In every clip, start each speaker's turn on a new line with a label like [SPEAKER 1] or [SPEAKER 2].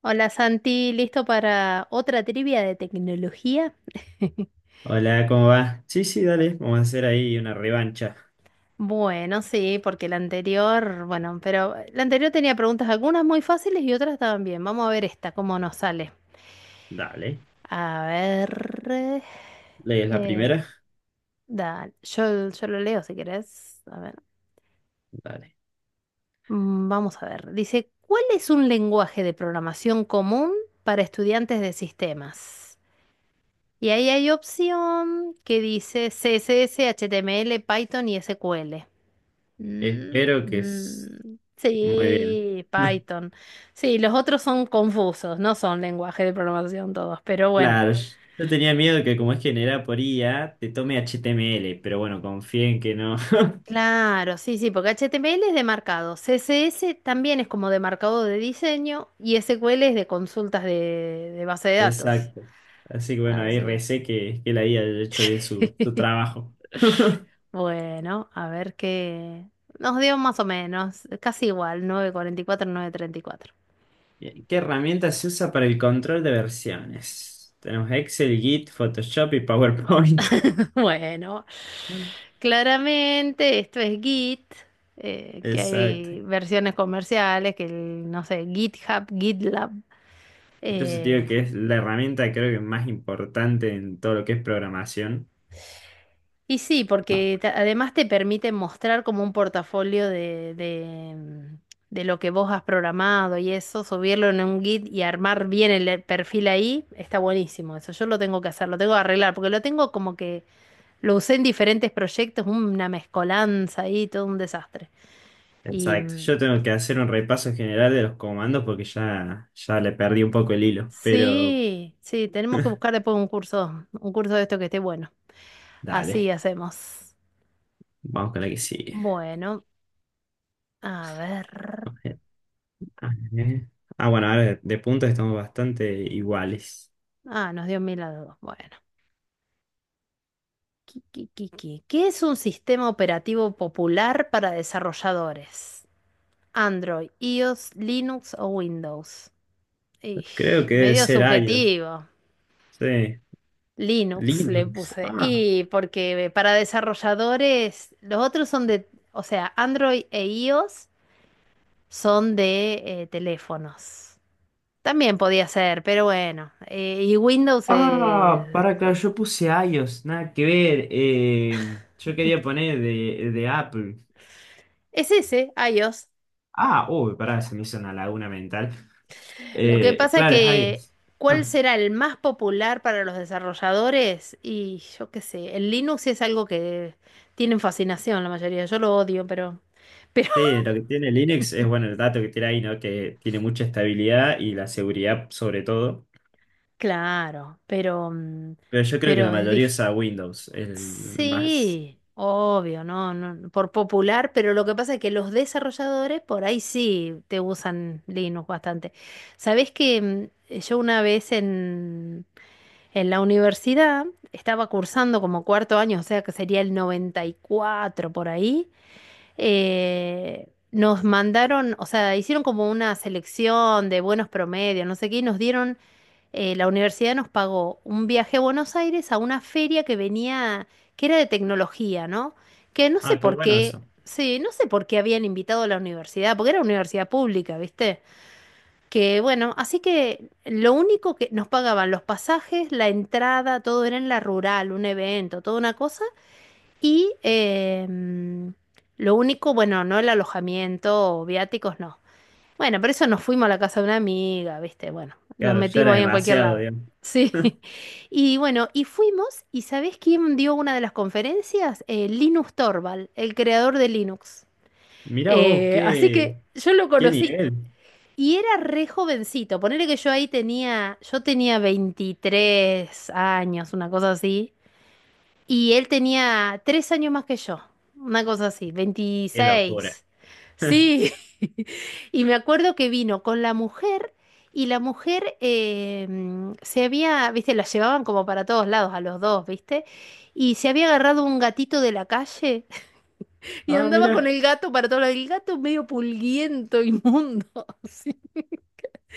[SPEAKER 1] Hola Santi, ¿listo para otra trivia de tecnología?
[SPEAKER 2] Hola, ¿cómo va? Sí, sí, dale, vamos a hacer ahí una revancha.
[SPEAKER 1] Bueno, sí, porque la anterior, bueno, pero la anterior tenía preguntas algunas muy fáciles y otras estaban bien. Vamos a ver esta, cómo nos sale.
[SPEAKER 2] Dale.
[SPEAKER 1] A ver,
[SPEAKER 2] ¿Lees la
[SPEAKER 1] eh,
[SPEAKER 2] primera?
[SPEAKER 1] dale, yo lo leo si querés. A ver,
[SPEAKER 2] Dale.
[SPEAKER 1] vamos a ver. Dice, ¿cuál es un lenguaje de programación común para estudiantes de sistemas? Y ahí hay opción que dice CSS, HTML, Python y SQL. Mm,
[SPEAKER 2] Espero que es
[SPEAKER 1] mm,
[SPEAKER 2] muy bien.
[SPEAKER 1] sí, Python. Sí, los otros son confusos, no son lenguaje de programación todos, pero bueno.
[SPEAKER 2] Claro, yo tenía miedo que como es generada por IA, te tome HTML, pero bueno, confío en que no.
[SPEAKER 1] Claro, sí, sí, porque HTML es de marcado, CSS también es como de marcado de diseño y SQL es de consultas de base de datos.
[SPEAKER 2] Exacto. Así que bueno, ahí
[SPEAKER 1] Así.
[SPEAKER 2] recé que la IA haya hecho bien su trabajo.
[SPEAKER 1] Bueno, a ver qué. Nos dio más o menos, casi igual, nueve nueve cuarenta y cuatro nueve treinta y cuatro.
[SPEAKER 2] Bien, ¿qué herramienta se usa para el control de versiones? Tenemos Excel, Git, Photoshop y PowerPoint.
[SPEAKER 1] Bueno, claramente esto es Git, que
[SPEAKER 2] Exacto.
[SPEAKER 1] hay versiones comerciales, que el, no sé, GitHub, GitLab.
[SPEAKER 2] Entonces te digo
[SPEAKER 1] eh,
[SPEAKER 2] que es la herramienta creo que más importante en todo lo que es programación.
[SPEAKER 1] Y sí,
[SPEAKER 2] Ma-
[SPEAKER 1] porque además te permite mostrar como un portafolio de lo que vos has programado y eso, subirlo en un Git y armar bien el perfil ahí, está buenísimo. Eso yo lo tengo que hacer, lo tengo que arreglar, porque lo tengo como que lo usé en diferentes proyectos, una mezcolanza ahí, todo un desastre. Y
[SPEAKER 2] Exacto. Yo tengo que hacer un repaso general de los comandos porque ya le perdí un poco el hilo. Pero
[SPEAKER 1] sí, sí, tenemos que buscar después un curso de esto que esté bueno. Así
[SPEAKER 2] dale,
[SPEAKER 1] hacemos.
[SPEAKER 2] vamos con la que sigue.
[SPEAKER 1] Bueno, a ver.
[SPEAKER 2] A ver. Ah, bueno, ahora de puntos estamos bastante iguales.
[SPEAKER 1] Ah, nos dio mil a dos. Bueno. Qui, qui, qui, qui. ¿Qué es un sistema operativo popular para desarrolladores? Android, iOS, Linux o Windows. Ij,
[SPEAKER 2] Creo que debe
[SPEAKER 1] medio
[SPEAKER 2] ser iOS.
[SPEAKER 1] subjetivo.
[SPEAKER 2] Sí.
[SPEAKER 1] Linux le
[SPEAKER 2] Linux.
[SPEAKER 1] puse.
[SPEAKER 2] Ah.
[SPEAKER 1] Y porque para desarrolladores, los otros son de, o sea, Android e iOS son de teléfonos. También podía ser, pero bueno. Y Windows
[SPEAKER 2] Ah,
[SPEAKER 1] es
[SPEAKER 2] para que
[SPEAKER 1] cosa.
[SPEAKER 2] yo puse iOS, nada que ver. Yo quería poner de Apple.
[SPEAKER 1] Es ese, iOS.
[SPEAKER 2] Ah, uy, pará, se me hizo una laguna mental.
[SPEAKER 1] Lo que pasa es
[SPEAKER 2] Claro, es
[SPEAKER 1] que,
[SPEAKER 2] iOS.
[SPEAKER 1] ¿cuál será el más popular para los desarrolladores? Y yo qué sé, el Linux es algo que tienen fascinación la mayoría. Yo lo odio, pero,
[SPEAKER 2] Sí, lo que tiene Linux es, bueno, el dato que tiene ahí, ¿no? Que tiene mucha estabilidad y la seguridad sobre todo.
[SPEAKER 1] claro,
[SPEAKER 2] Pero yo creo que la
[SPEAKER 1] pero es
[SPEAKER 2] mayoría
[SPEAKER 1] dif-
[SPEAKER 2] usa Windows, el más.
[SPEAKER 1] Sí, obvio, no, no, por popular, pero lo que pasa es que los desarrolladores por ahí sí te usan Linux bastante. ¿Sabés que mm, yo una vez en la universidad estaba cursando como cuarto año, o sea que sería el 94 por ahí? Nos mandaron, o sea, hicieron como una selección de buenos promedios, no sé qué, y nos dieron, la universidad nos pagó un viaje a Buenos Aires a una feria que venía, que era de tecnología, ¿no? Que no sé
[SPEAKER 2] Ah, qué
[SPEAKER 1] por
[SPEAKER 2] bueno
[SPEAKER 1] qué,
[SPEAKER 2] eso.
[SPEAKER 1] sí, no sé por qué habían invitado a la universidad, porque era universidad pública, ¿viste? Que bueno, así que lo único que nos pagaban los pasajes, la entrada, todo era en la rural, un evento, toda una cosa. Y lo único, bueno, no el alojamiento, viáticos, no. Bueno, por eso nos fuimos a la casa de una amiga, ¿viste? Bueno, nos
[SPEAKER 2] Claro, ya era
[SPEAKER 1] metimos ahí en cualquier
[SPEAKER 2] demasiado,
[SPEAKER 1] lado.
[SPEAKER 2] digamos.
[SPEAKER 1] Sí. Y bueno, y fuimos, ¿y sabés quién dio una de las conferencias? Linus Torvald, el creador de Linux.
[SPEAKER 2] Mirá vos,
[SPEAKER 1] Así
[SPEAKER 2] qué,
[SPEAKER 1] que yo lo
[SPEAKER 2] qué
[SPEAKER 1] conocí
[SPEAKER 2] nivel.
[SPEAKER 1] y era re jovencito. Ponele que yo tenía 23 años, una cosa así. Y él tenía 3 años más que yo, una cosa así,
[SPEAKER 2] Qué locura.
[SPEAKER 1] 26. Sí. Y me acuerdo que vino con la mujer y la mujer se había, viste, la llevaban como para todos lados a los dos, viste. Y se había agarrado un gatito de la calle y
[SPEAKER 2] Ah,
[SPEAKER 1] andaba con
[SPEAKER 2] mirá.
[SPEAKER 1] el gato para todos lados. El gato medio pulguiento, inmundo. Sí.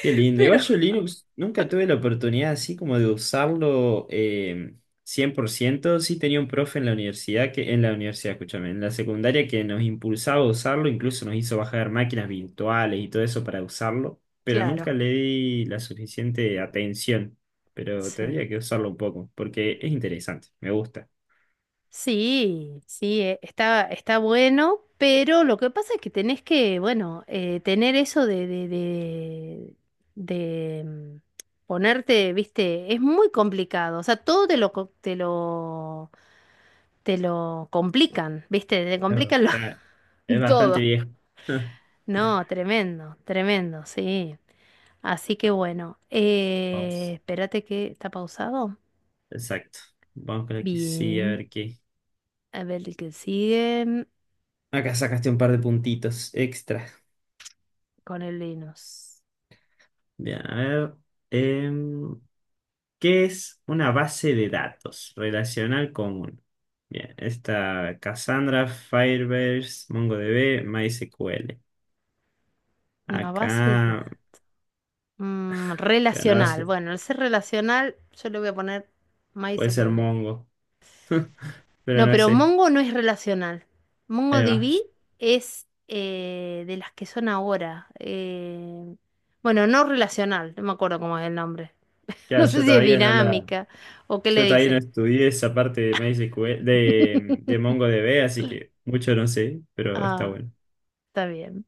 [SPEAKER 2] Qué lindo.
[SPEAKER 1] Pero
[SPEAKER 2] Igual yo Linux nunca tuve la oportunidad así como de usarlo 100%. Sí tenía un profe en la universidad, que, en la universidad, escúchame, en la secundaria que nos impulsaba a usarlo, incluso nos hizo bajar máquinas virtuales y todo eso para usarlo, pero
[SPEAKER 1] claro,
[SPEAKER 2] nunca le di la suficiente atención. Pero tendría
[SPEAKER 1] sí.
[SPEAKER 2] que usarlo un poco, porque es interesante, me gusta.
[SPEAKER 1] Sí, sí, está bueno, pero lo que pasa es que tenés que, bueno, tener eso de ponerte, viste, es muy complicado. O sea, todo te lo complican, viste, te
[SPEAKER 2] Claro.
[SPEAKER 1] complican
[SPEAKER 2] Ya, es bastante
[SPEAKER 1] todo.
[SPEAKER 2] viejo.
[SPEAKER 1] No, tremendo, tremendo, sí. Así que bueno,
[SPEAKER 2] Vamos.
[SPEAKER 1] espérate que está pausado.
[SPEAKER 2] Exacto. Vamos con la que sí, a
[SPEAKER 1] Bien,
[SPEAKER 2] ver qué.
[SPEAKER 1] a ver el que sigue.
[SPEAKER 2] Acá sacaste un par de puntitos extra.
[SPEAKER 1] Con el Linux.
[SPEAKER 2] Bien, a ver. em, ¿Qué es una base de datos relacional común? Bien, está Cassandra, Firebase, MongoDB, MySQL.
[SPEAKER 1] Una base de
[SPEAKER 2] Acá,
[SPEAKER 1] da- mm,
[SPEAKER 2] que una
[SPEAKER 1] Relacional.
[SPEAKER 2] base,
[SPEAKER 1] Bueno, al ser relacional, yo le voy a poner
[SPEAKER 2] puede ser
[SPEAKER 1] MySQL.
[SPEAKER 2] Mongo, pero
[SPEAKER 1] No,
[SPEAKER 2] no
[SPEAKER 1] pero
[SPEAKER 2] sé.
[SPEAKER 1] Mongo no es relacional.
[SPEAKER 2] Ahí va.
[SPEAKER 1] MongoDB es de las que son ahora. Bueno, no relacional, no me acuerdo cómo es el nombre. No
[SPEAKER 2] Claro,
[SPEAKER 1] sé
[SPEAKER 2] yo
[SPEAKER 1] si es
[SPEAKER 2] todavía no la,
[SPEAKER 1] dinámica o qué le
[SPEAKER 2] yo todavía no
[SPEAKER 1] dicen.
[SPEAKER 2] estudié esa parte de MySQL, de MongoDB, así que mucho no sé, pero está
[SPEAKER 1] Ah,
[SPEAKER 2] bueno.
[SPEAKER 1] está bien.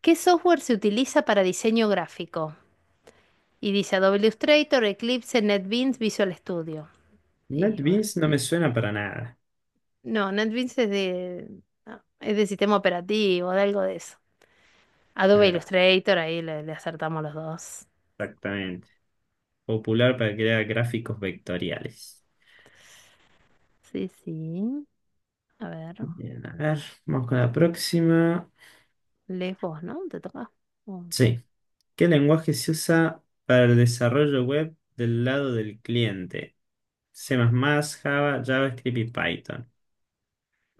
[SPEAKER 1] ¿Qué software se utiliza para diseño gráfico? Y dice Adobe Illustrator, Eclipse, NetBeans, Visual Studio. Y bueno.
[SPEAKER 2] NetBeans no me suena para nada.
[SPEAKER 1] No, NetBeans es de sistema operativo, de algo de eso. Adobe
[SPEAKER 2] Ahí va,
[SPEAKER 1] Illustrator, ahí le acertamos los dos.
[SPEAKER 2] exactamente. Popular para crear gráficos vectoriales.
[SPEAKER 1] Sí, sí. A ver,
[SPEAKER 2] Bien, a ver, vamos con la próxima.
[SPEAKER 1] lees vos, ¿no? Te toca. Oh.
[SPEAKER 2] Sí. ¿Qué lenguaje se usa para el desarrollo web del lado del cliente? C++, Java, JavaScript y Python.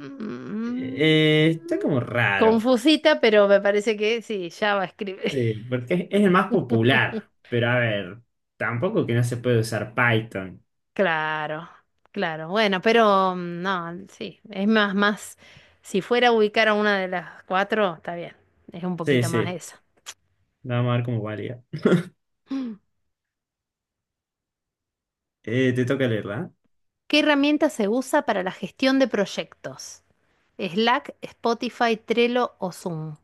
[SPEAKER 1] Mm,
[SPEAKER 2] Eh, está como raro.
[SPEAKER 1] Confusita, pero me parece que sí, Java escribe.
[SPEAKER 2] Sí, porque es el más popular, pero a ver, tampoco que no se puede usar Python.
[SPEAKER 1] Claro, claro. Bueno, pero no, sí, es más, más. Si fuera a ubicar a una de las cuatro, está bien. Es un
[SPEAKER 2] Sí,
[SPEAKER 1] poquito más
[SPEAKER 2] sí,
[SPEAKER 1] eso.
[SPEAKER 2] vamos a ver cómo valía. Te toca leerla.
[SPEAKER 1] ¿Qué herramienta se usa para la gestión de proyectos? ¿Slack, Spotify, Trello o Zoom?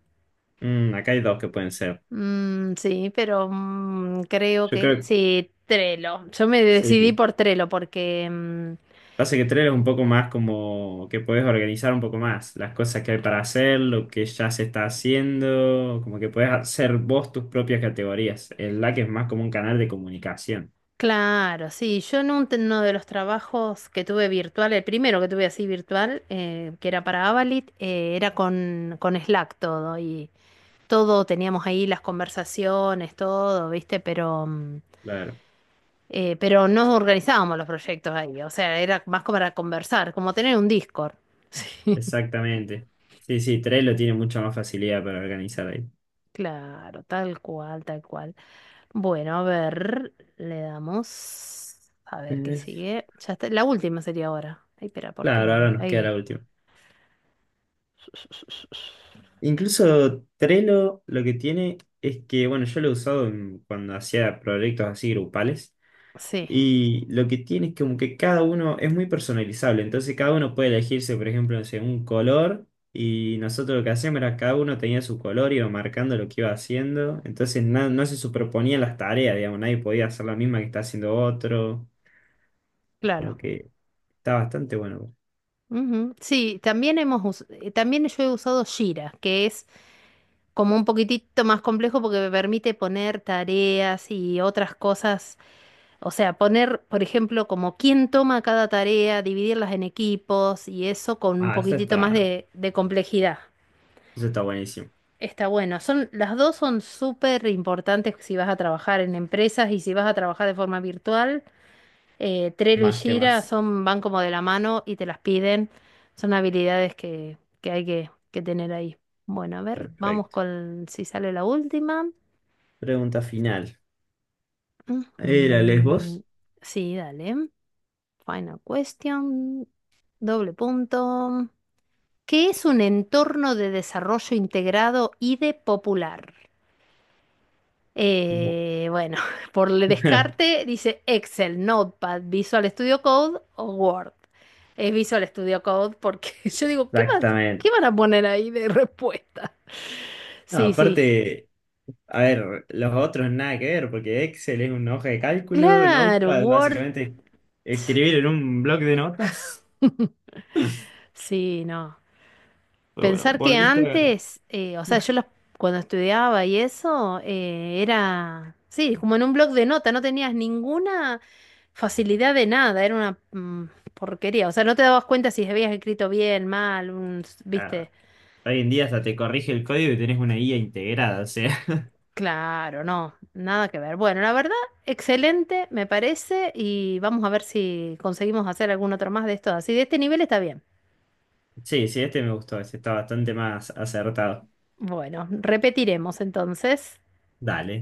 [SPEAKER 2] ¿Eh? Mm, acá hay dos que pueden ser.
[SPEAKER 1] Mm, sí, pero creo
[SPEAKER 2] Yo
[SPEAKER 1] que
[SPEAKER 2] creo que
[SPEAKER 1] sí, Trello. Yo me decidí
[SPEAKER 2] sí.
[SPEAKER 1] por Trello porque,
[SPEAKER 2] Pasa que tres es un poco más como que puedes organizar un poco más las cosas que hay para hacer, lo que ya se está haciendo, como que puedes hacer vos tus propias categorías. El LAC es más como un canal de comunicación.
[SPEAKER 1] claro, sí, yo en uno de los trabajos que tuve virtual, el primero que tuve así virtual, que era para Avalit, era con Slack todo y todo teníamos ahí las conversaciones, todo, ¿viste? Pero... mm,
[SPEAKER 2] Claro,
[SPEAKER 1] Eh, pero no organizábamos los proyectos ahí, o sea, era más como para conversar, como tener un Discord. Sí,
[SPEAKER 2] exactamente. Sí, sí, Trello tiene mucha más facilidad para organizar ahí.
[SPEAKER 1] claro, tal cual, tal cual. Bueno, a ver, le damos. A ver qué
[SPEAKER 2] Eh,
[SPEAKER 1] sigue. Ya está, la última sería ahora. Ay, espera, ¿por qué
[SPEAKER 2] claro,
[SPEAKER 1] no?
[SPEAKER 2] ahora nos
[SPEAKER 1] Ahí
[SPEAKER 2] queda la
[SPEAKER 1] era.
[SPEAKER 2] última. Incluso Trello lo que tiene es que, bueno, yo lo he usado en- cuando hacía proyectos así grupales.
[SPEAKER 1] Sí,
[SPEAKER 2] Y lo que tiene es como que cada uno es muy personalizable, entonces cada uno puede elegirse, por ejemplo, no sé, un color, y nosotros lo que hacíamos era cada uno tenía su color, iba marcando lo que iba haciendo, entonces na- no se superponían las tareas, digamos, nadie podía hacer la misma que está haciendo otro,
[SPEAKER 1] claro.
[SPEAKER 2] como que está bastante bueno.
[SPEAKER 1] Ujú. Sí, también yo he usado Jira, que es como un poquitito más complejo porque me permite poner tareas y otras cosas. O sea, poner, por ejemplo, como quién toma cada tarea, dividirlas en equipos y eso con un
[SPEAKER 2] Ah,
[SPEAKER 1] poquitito más de complejidad.
[SPEAKER 2] eso está buenísimo,
[SPEAKER 1] Está bueno. Las dos son súper importantes si vas a trabajar en empresas y si vas a trabajar de forma virtual. Trello y
[SPEAKER 2] más que
[SPEAKER 1] Jira
[SPEAKER 2] más.
[SPEAKER 1] van como de la mano y te las piden. Son habilidades que hay que tener ahí. Bueno, a ver, vamos
[SPEAKER 2] Perfecto.
[SPEAKER 1] con si sale la última.
[SPEAKER 2] Pregunta final. ¿Era Lesbos?
[SPEAKER 1] Ujú. Sí, dale. Final question, doble punto. ¿Qué es un entorno de desarrollo integrado y de popular?
[SPEAKER 2] Bu-
[SPEAKER 1] Bueno, por el descarte dice Excel, Notepad, Visual Studio Code o Word. Es Visual Studio Code porque yo digo, ¿qué van, qué
[SPEAKER 2] Exactamente.
[SPEAKER 1] van a poner ahí de respuesta?
[SPEAKER 2] No,
[SPEAKER 1] Sí, sí.
[SPEAKER 2] aparte... A ver, los otros nada que ver, porque Excel es una hoja de cálculo,
[SPEAKER 1] Claro,
[SPEAKER 2] Notepad
[SPEAKER 1] Word.
[SPEAKER 2] básicamente escribir en un bloc de notas.
[SPEAKER 1] Sí, no.
[SPEAKER 2] Pero bueno,
[SPEAKER 1] Pensar que
[SPEAKER 2] volviste a ganar.
[SPEAKER 1] antes, o sea, cuando estudiaba y eso, era, sí, como en un blog de nota, no tenías ninguna facilidad de nada, era una porquería, o sea, no te dabas cuenta si habías escrito bien, mal, un,
[SPEAKER 2] Ah,
[SPEAKER 1] viste,
[SPEAKER 2] hoy en día hasta te corrige el código y tenés una guía integrada, o sea.
[SPEAKER 1] claro, no, nada que ver. Bueno, la verdad, excelente, me parece, y vamos a ver si conseguimos hacer algún otro más de estos, así de este nivel está bien.
[SPEAKER 2] Sí, sí, este me gustó, este está bastante más acertado.
[SPEAKER 1] Bueno, repetiremos entonces.
[SPEAKER 2] Dale.